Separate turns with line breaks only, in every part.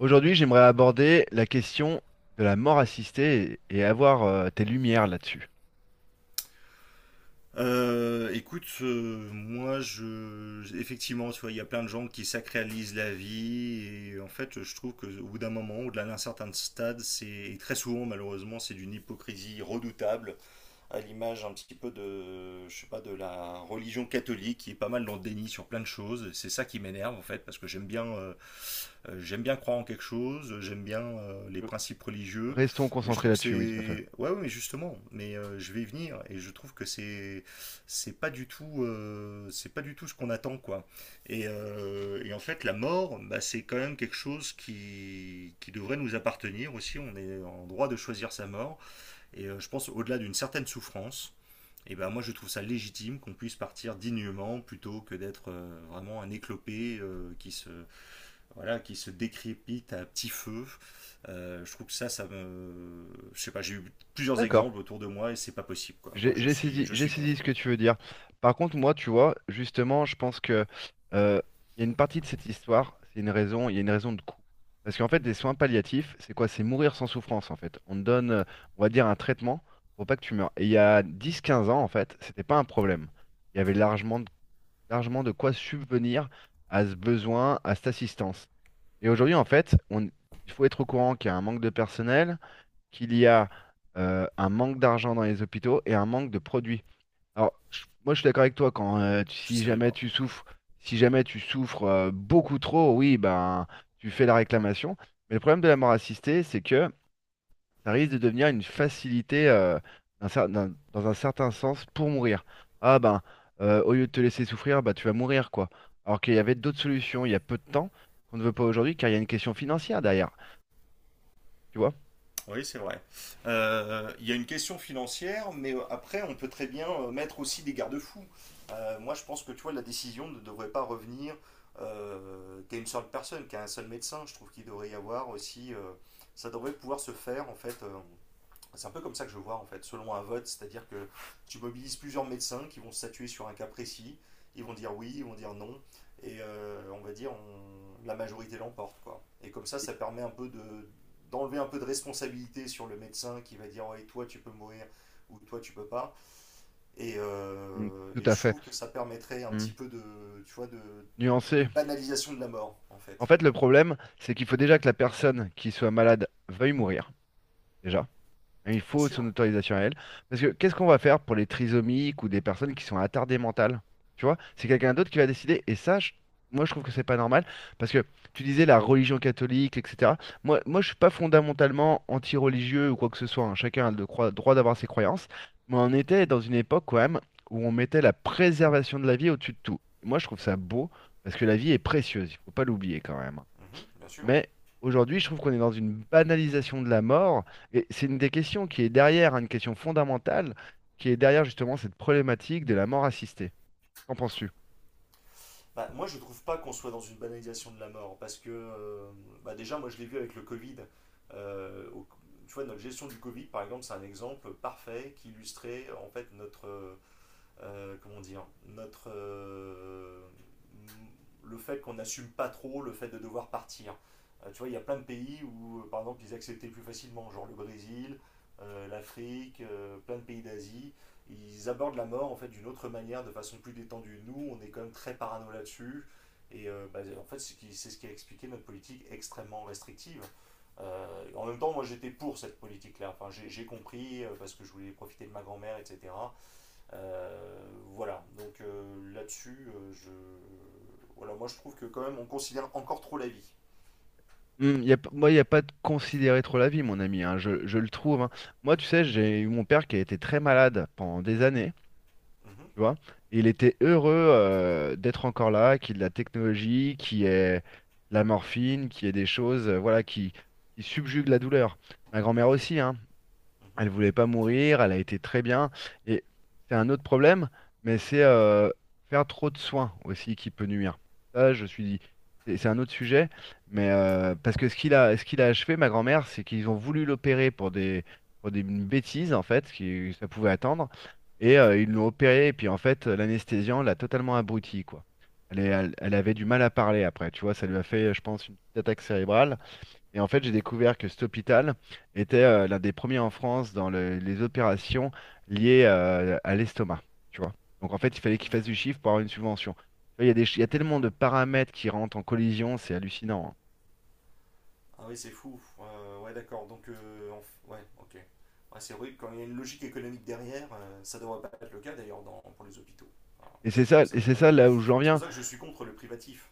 Aujourd'hui, j'aimerais aborder la question de la mort assistée et avoir tes lumières là-dessus.
Écoute, moi, je, effectivement, tu vois, il y a plein de gens qui sacralisent la vie et en fait, je trouve que au bout d'un moment, au-delà d'un certain stade, c'est et très souvent, malheureusement, c'est d'une hypocrisie redoutable à l'image un petit peu de, je sais pas, de la religion catholique qui est pas mal dans le déni sur plein de choses. C'est ça qui m'énerve en fait, parce que j'aime bien croire en quelque chose, j'aime bien les principes religieux,
Restons
mais je
concentrés
trouve que
là-dessus, oui, tout à fait.
c'est, ouais, ouais, mais justement, mais je vais y venir et je trouve que c'est pas du tout, c'est pas du tout ce qu'on attend quoi. Et en fait, la mort, bah, c'est quand même quelque chose qui devrait nous appartenir aussi. On est en droit de choisir sa mort. Et je pense au-delà d'une certaine souffrance, et ben moi je trouve ça légitime qu'on puisse partir dignement plutôt que d'être vraiment un éclopé qui se voilà qui se décrépite à petit feu. Je trouve que ça me, je sais pas, j'ai eu plusieurs
D'accord.
exemples autour de moi et c'est pas possible quoi.
J'ai
Moi
j'ai saisi,
je
j'ai
suis
saisi ce
contre.
que tu veux dire. Par contre, moi, tu vois, justement, je pense que euh, il y a une partie de cette histoire, c'est une raison, il y a une raison de coût. Parce qu'en fait, les soins palliatifs, c'est quoi? C'est mourir sans souffrance, en fait. On te donne, on va dire, un traitement pour pas que tu meurs. Et il y a 10, 15 ans, en fait, c'était pas un problème. Il y avait largement de quoi subvenir à ce besoin, à cette assistance. Et aujourd'hui, en fait, il faut être au courant qu'il y a un manque de personnel, qu'il y a un manque d'argent dans les hôpitaux et un manque de produits. Alors, moi, je suis d'accord avec toi quand
Je savais pas.
si jamais tu souffres beaucoup trop, oui, ben tu fais la réclamation. Mais le problème de la mort assistée, c'est que ça risque de devenir une facilité dans un certain sens pour mourir. Ah ben, au lieu de te laisser souffrir, bah tu vas mourir quoi. Alors qu'il y avait d'autres solutions il y a peu de temps qu'on ne veut pas aujourd'hui car il y a une question financière derrière, tu vois?
Oui, c'est vrai. Il y a une question financière, mais après, on peut très bien mettre aussi des garde-fous. Moi, je pense que tu vois, la décision ne devrait pas revenir qu'à une seule personne, qu'à un seul médecin. Je trouve qu'il devrait y avoir aussi. Ça devrait pouvoir se faire, en fait, c'est un peu comme ça que je vois en fait, selon un vote, c'est-à-dire que tu mobilises plusieurs médecins qui vont se statuer sur un cas précis, ils vont dire oui, ils vont dire non, et on va dire la majorité l'emporte quoi. Et comme ça permet un peu de d'enlever un peu de responsabilité sur le médecin qui va dire ouais toi tu peux mourir ou toi tu peux pas.
Mm, tout
Et
à
je
fait.
trouve que ça permettrait un
Mm.
petit peu de tu vois de une
Nuancé.
banalisation de la mort en
En
fait.
fait, le problème, c'est qu'il faut déjà que la personne qui soit malade veuille mourir, déjà. Et il
Bien
faut son
sûr.
autorisation à elle. Parce que qu'est-ce
Ouais.
qu'on va faire pour les trisomiques ou des personnes qui sont attardées mentales? Tu vois, c'est quelqu'un d'autre qui va décider. Et ça, moi, je trouve que c'est pas normal. Parce que tu disais la religion catholique, etc. Moi, je suis pas fondamentalement anti-religieux ou quoi que ce soit, hein. Chacun a le droit d'avoir ses croyances. Mais on
Mhm,
était dans une époque, quand même, où on mettait la préservation de la vie au-dessus de tout. Moi, je trouve ça beau parce que la vie est précieuse. Il faut pas l'oublier, quand même, hein.
mhm, bien sûr.
Mais aujourd'hui, je trouve qu'on est dans une banalisation de la mort. Et c'est une des questions qui est derrière, hein, une question fondamentale, qui est derrière justement cette problématique de la mort assistée. Qu'en penses-tu?
Bah, moi, je trouve pas qu'on soit dans une banalisation de la mort, parce que bah, déjà, moi, je l'ai vu avec le Covid. euh, au- tu vois, notre gestion du Covid, par exemple, c'est un exemple parfait qui illustrait en fait notre, comment dire, notre, le fait qu'on n'assume pas trop le fait de devoir partir. Tu vois, il y a plein de pays où, par exemple, ils acceptaient plus facilement, genre le Brésil, l'Afrique, plein de pays d'Asie. Ils abordent la mort en fait d'une autre manière, de façon plus détendue. Nous, on est quand même très parano là-dessus. Et bah, en fait, c'est ce qui a expliqué notre politique extrêmement restrictive. Euh, en même temps, moi j'étais pour cette politique-là. Enfin, j'ai compris parce que je voulais profiter de ma grand-mère, etc. Euh, voilà, donc là-dessus, je... voilà, moi je trouve que quand même on considère encore trop la vie.
Moi, il n'y a pas de considérer trop la vie, mon ami, hein, je le trouve, hein. Moi, tu sais, j'ai eu mon père qui a été très malade pendant des années,
Mhm,
tu vois. Et il était heureux d'être encore là, qu'il y ait de la technologie, qu'il y ait de la morphine, qu'il y ait des choses, voilà, qui subjuguent la douleur. Ma grand-mère
mhm,
aussi, hein.
mhm.
Elle voulait pas mourir, elle a été très bien. Et c'est un autre problème, mais c'est faire trop de soins aussi qui peut nuire. Ça, je suis dit, c'est un autre sujet, mais
Ouais.
parce que ce qu'il a achevé, ma grand-mère, c'est qu'ils ont voulu l'opérer pour pour des bêtises en fait, qui ça pouvait attendre, et ils l'ont opéré, et puis en fait, l'anesthésiant l'a totalement abruti, quoi. Elle avait du mal à parler après, tu vois, ça lui a fait, je pense, une petite attaque cérébrale. Et en fait, j'ai découvert que cet hôpital était l'un des premiers en France dans les opérations liées à l'estomac. Tu vois. Donc en fait, il fallait qu'il fasse du
Hmm,
chiffre pour avoir une subvention. Tu vois, il y a il y a tellement de
d'accord.
paramètres qui rentrent en collision, c'est hallucinant, hein.
Ah oui, c'est fou. Ouais, d'accord. Donc, ouais, ok. Ouais, c'est vrai que quand il y a une logique économique derrière, ça devrait pas être le cas d'ailleurs pour les hôpitaux. Alors, je trouve que ça
Et c'est ça
devrait.
là où j'en
C'est pour
viens.
ça que je suis contre le privatif.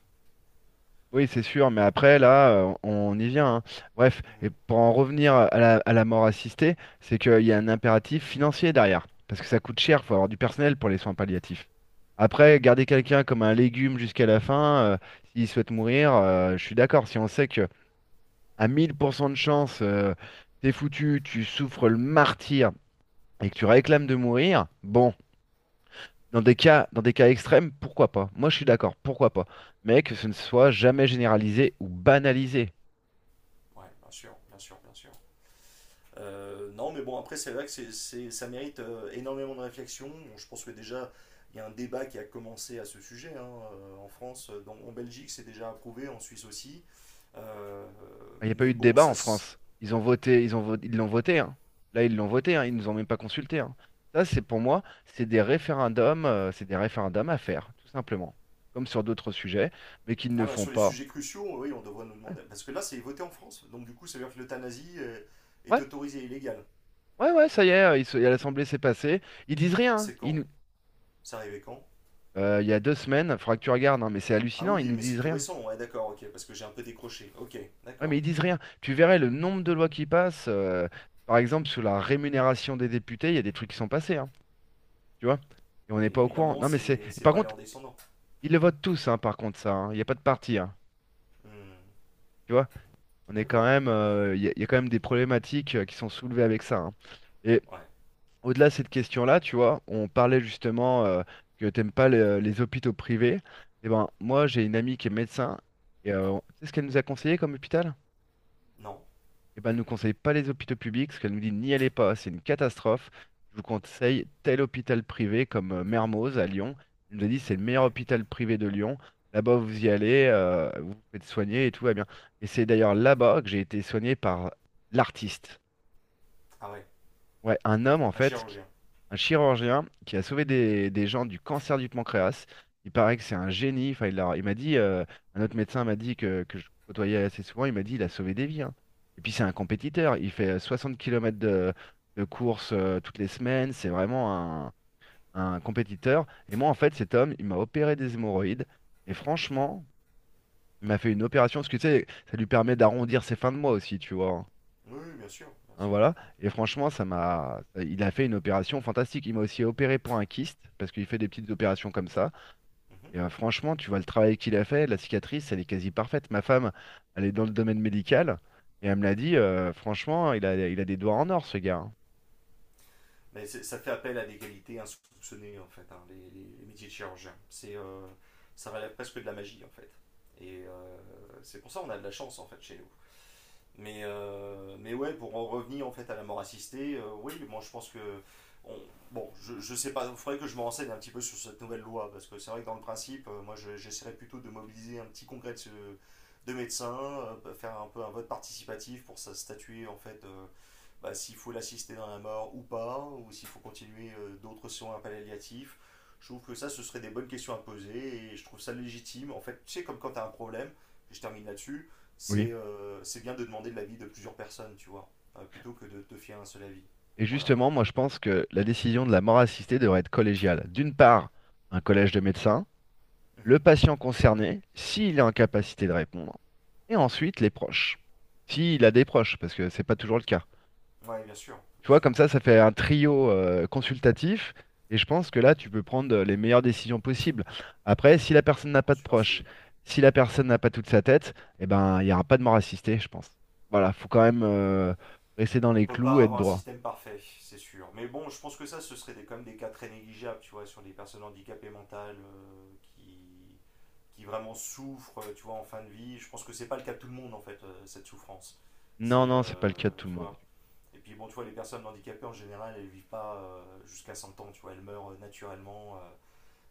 Oui, c'est sûr, mais après, là, on y vient, hein. Bref, et
Hmm.
pour en revenir à à la mort assistée, c'est qu'il y a un impératif financier derrière, parce que ça coûte cher, il faut avoir du personnel pour les soins palliatifs. Après, garder quelqu'un comme un légume jusqu'à la fin, s'il souhaite mourir, je suis d'accord. Si on sait que à 1000% de chance, t'es foutu, tu souffres le martyre et que tu réclames de mourir, bon, dans des cas extrêmes, pourquoi pas? Moi, je suis d'accord, pourquoi pas? Mais que ce ne soit jamais généralisé ou banalisé.
Ouais, bien sûr, bien sûr, bien sûr. Non, mais bon, après, c'est vrai que ça mérite énormément de réflexion. Bon, je pense que déjà, il y a un débat qui a commencé à ce sujet hein, en France. Donc, en Belgique, c'est déjà approuvé, en Suisse aussi. Euh,
Il n'y a pas
mais
eu de
bon,
débat en
ça,
France. Ils l'ont voté, hein. Là, ils l'ont voté, hein, ils nous ont même pas consulté, hein. Ça, c'est pour moi, c'est des référendums à faire, tout simplement. Comme sur d'autres sujets, mais qu'ils ne
ah, bah,
font
sur les
pas.
sujets cruciaux, oui, on devrait nous
Ouais,
demander. Parce que là, c'est voté en France. Donc, du coup, ça veut dire que l'euthanasie est, est
ouais,
autorisée et illégale.
ouais, ouais, ça y est, l'Assemblée s'est passée. Ils disent rien, hein.
C'est quand C'est arrivé quand?
Il y a 2 semaines, il faudra que tu regardes, hein, mais c'est
Ah
hallucinant, ils
oui,
nous
mais c'est
disent
tout
rien.
récent. Ouais, d'accord, ok, parce que j'ai un peu décroché. Ok,
Ouais, mais
d'accord.
ils disent rien. Tu verrais le nombre de lois qui passent. Par exemple, sur la rémunération des députés, il y a des trucs qui sont passés, hein, tu vois? Et on n'est
Et
pas au courant.
évidemment,
Non, mais c'est.
c'est
Par
pas les
contre,
en descendant.
ils le votent tous, hein, par contre, ça, hein. Il n'y a pas de parti, hein.
Hmm,
Tu vois, on est quand
d'accord.
même, il y a quand même des problématiques qui sont soulevées avec ça, hein. Et
Ouais.
au-delà de cette question-là, tu vois, on parlait justement que t'aimes pas les hôpitaux privés. Et ben, moi, j'ai une amie qui est médecin. Et tu sais ce qu'elle nous a conseillé comme hôpital?
Non.
Eh ben, elle ne nous conseille pas les hôpitaux publics, parce qu'elle nous dit n'y allez pas, c'est une catastrophe. Je vous conseille tel hôpital privé comme Mermoz à Lyon. Elle nous a dit c'est le meilleur
Ouais.
hôpital privé de Lyon. Là-bas, vous y allez, vous vous faites soigner et tout va bien. Et c'est d'ailleurs là-bas que j'ai été soigné par l'artiste.
Ah ouais.
Ouais, un homme en
Un
fait,
chirurgien.
un chirurgien qui a sauvé des gens du cancer du pancréas. Il paraît que c'est un génie. Enfin, il m'a dit, un autre médecin m'a dit que je côtoyais assez souvent, il m'a dit il a sauvé des vies, hein. Et puis c'est un compétiteur. Il fait 60 km de course toutes les semaines. C'est vraiment un compétiteur. Et moi en fait, cet homme, il m'a opéré des hémorroïdes. Et franchement, il m'a fait une opération parce que tu sais, ça lui permet d'arrondir ses fins de mois aussi, tu vois, hein.
Oui, oui, bien sûr, bien
Hein,
sûr.
voilà. Et franchement, il a fait une opération fantastique. Il m'a aussi opéré pour un kyste, parce qu'il fait des petites opérations comme ça.
Mhm.
Et franchement, tu vois le travail qu'il a fait, la cicatrice, elle est quasi parfaite. Ma femme, elle est dans le domaine médical. Et elle me l'a dit, franchement, il a des doigts en or, ce gars, hein.
Mais c'est- ça fait appel à des qualités insoupçonnées, en fait, hein, les, les métiers de chirurgien. C'est, ça relève presque de la magie, en fait. Et c'est pour ça qu'on a de la chance, en fait, chez nous. Mais ouais, pour en revenir en fait à la mort assistée, oui, moi je pense que. on- bon, je sais pas, il faudrait que je me renseigne un petit peu sur cette nouvelle loi, parce que c'est vrai que dans le principe, j'essaierais je, plutôt de mobiliser un petit congrès de médecins, faire un peu un vote participatif pour ça statuer en fait bah, s'il faut l'assister dans la mort ou pas, ou s'il faut continuer d'autres soins palliatifs. Je trouve que ça, ce serait des bonnes questions à poser et je trouve ça légitime. En fait, tu sais, comme quand tu as un problème, et je termine là-dessus,
Oui.
c'est bien de demander de l'avis de plusieurs personnes, tu vois, plutôt que de te fier à un seul avis.
Et
Voilà.
justement, moi, je pense que la décision de la mort assistée devrait être collégiale. D'une part, un collège de médecins,
Mm-hmm.
le patient concerné, s'il est en capacité de répondre, et ensuite les proches. S'il a des proches, parce que c'est pas toujours le cas.
Ouais,
Tu
bien
vois,
sûr,
comme
ouais.
ça fait un trio consultatif. Et je pense que là, tu peux prendre les meilleures décisions possibles. Après, si la personne n'a
J'en
pas de
suis
proche,
persuadé.
si la personne n'a pas toute sa tête, eh ben, il n'y aura pas de mort assistée, je pense. Voilà, faut quand même rester dans
On
les
peut
clous
pas
et être
avoir un
droit.
système parfait, c'est sûr. Mais bon, je pense que ça, ce serait des, quand même des cas très négligeables, tu vois, sur les personnes handicapées mentales qui vraiment souffrent, tu vois, en fin de vie. Je pense que c'est pas le cas de tout le monde, en fait, cette souffrance.
Non,
C'est,
non, c'est pas le cas de tout le
tu
monde.
vois. Et puis, bon, tu vois, les personnes handicapées, en général, elles vivent pas jusqu'à 100 ans, tu vois, elles meurent naturellement.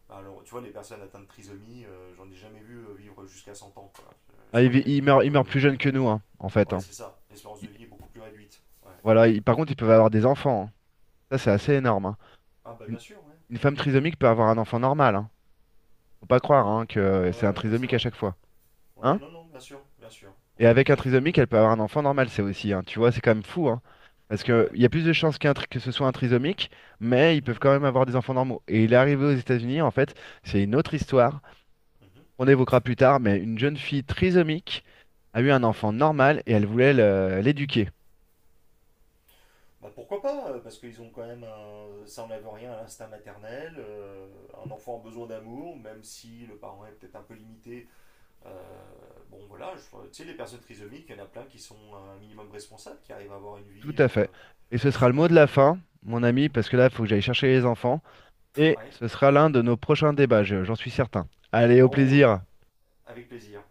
Bah, alors, tu vois, les personnes atteintes de trisomie, j'en ai jamais vu vivre jusqu'à 100 ans, quoi. Je,
Ah,
crois qu'elles vivent un
ils
peu...
meurent plus jeunes que nous, hein, en fait,
Ouais,
hein.
c'est ça. L'espérance
Ils-
de vie est beaucoup plus réduite. Ouais.
Voilà, par contre, ils peuvent avoir des enfants, hein. Ça, c'est assez énorme, hein.
Ah, bah,
Une,
bien sûr, ouais.
une femme
Ouais.
trisomique peut avoir un enfant normal, hein. Faut pas croire
Oui.
hein, que
Ouais, ouais,
c'est un
ouais, c'est
trisomique à
vrai.
chaque fois.
Ouais,
Hein.
non, non, bien sûr, bien sûr.
Et
Ouais,
avec un
tout à fait.
trisomique, elle peut avoir un enfant normal, c'est aussi, hein, tu vois, c'est quand même fou, hein. Parce qu'il
Ouais.
y a plus de chances que ce soit un trisomique, mais ils peuvent
Mhm,
quand même avoir des enfants normaux. Et il est arrivé aux États-Unis, en fait, c'est une autre histoire
mhm.
qu'on évoquera plus tard, mais une jeune fille trisomique a eu un enfant normal et elle voulait l'éduquer.
Bah, pourquoi pas, parce qu'ils ont quand même un... ça enlève rien à l'instinct maternel, un enfant a besoin d'amour, même si le parent est peut-être un peu limité. Euh, bon voilà, tu sais, les personnes trisomiques, il y en a plein qui sont un minimum responsables, qui arrivent à avoir une
Tout
vie,
à fait. Et ce
une
sera le mot de la
pseudo-autonomie.
fin, mon ami, parce que là, il faut que j'aille chercher les enfants. Et
Ouais.
ce sera l'un de nos prochains débats, j'en suis certain. Allez,
En
au
haut, là,
plaisir.
avec plaisir.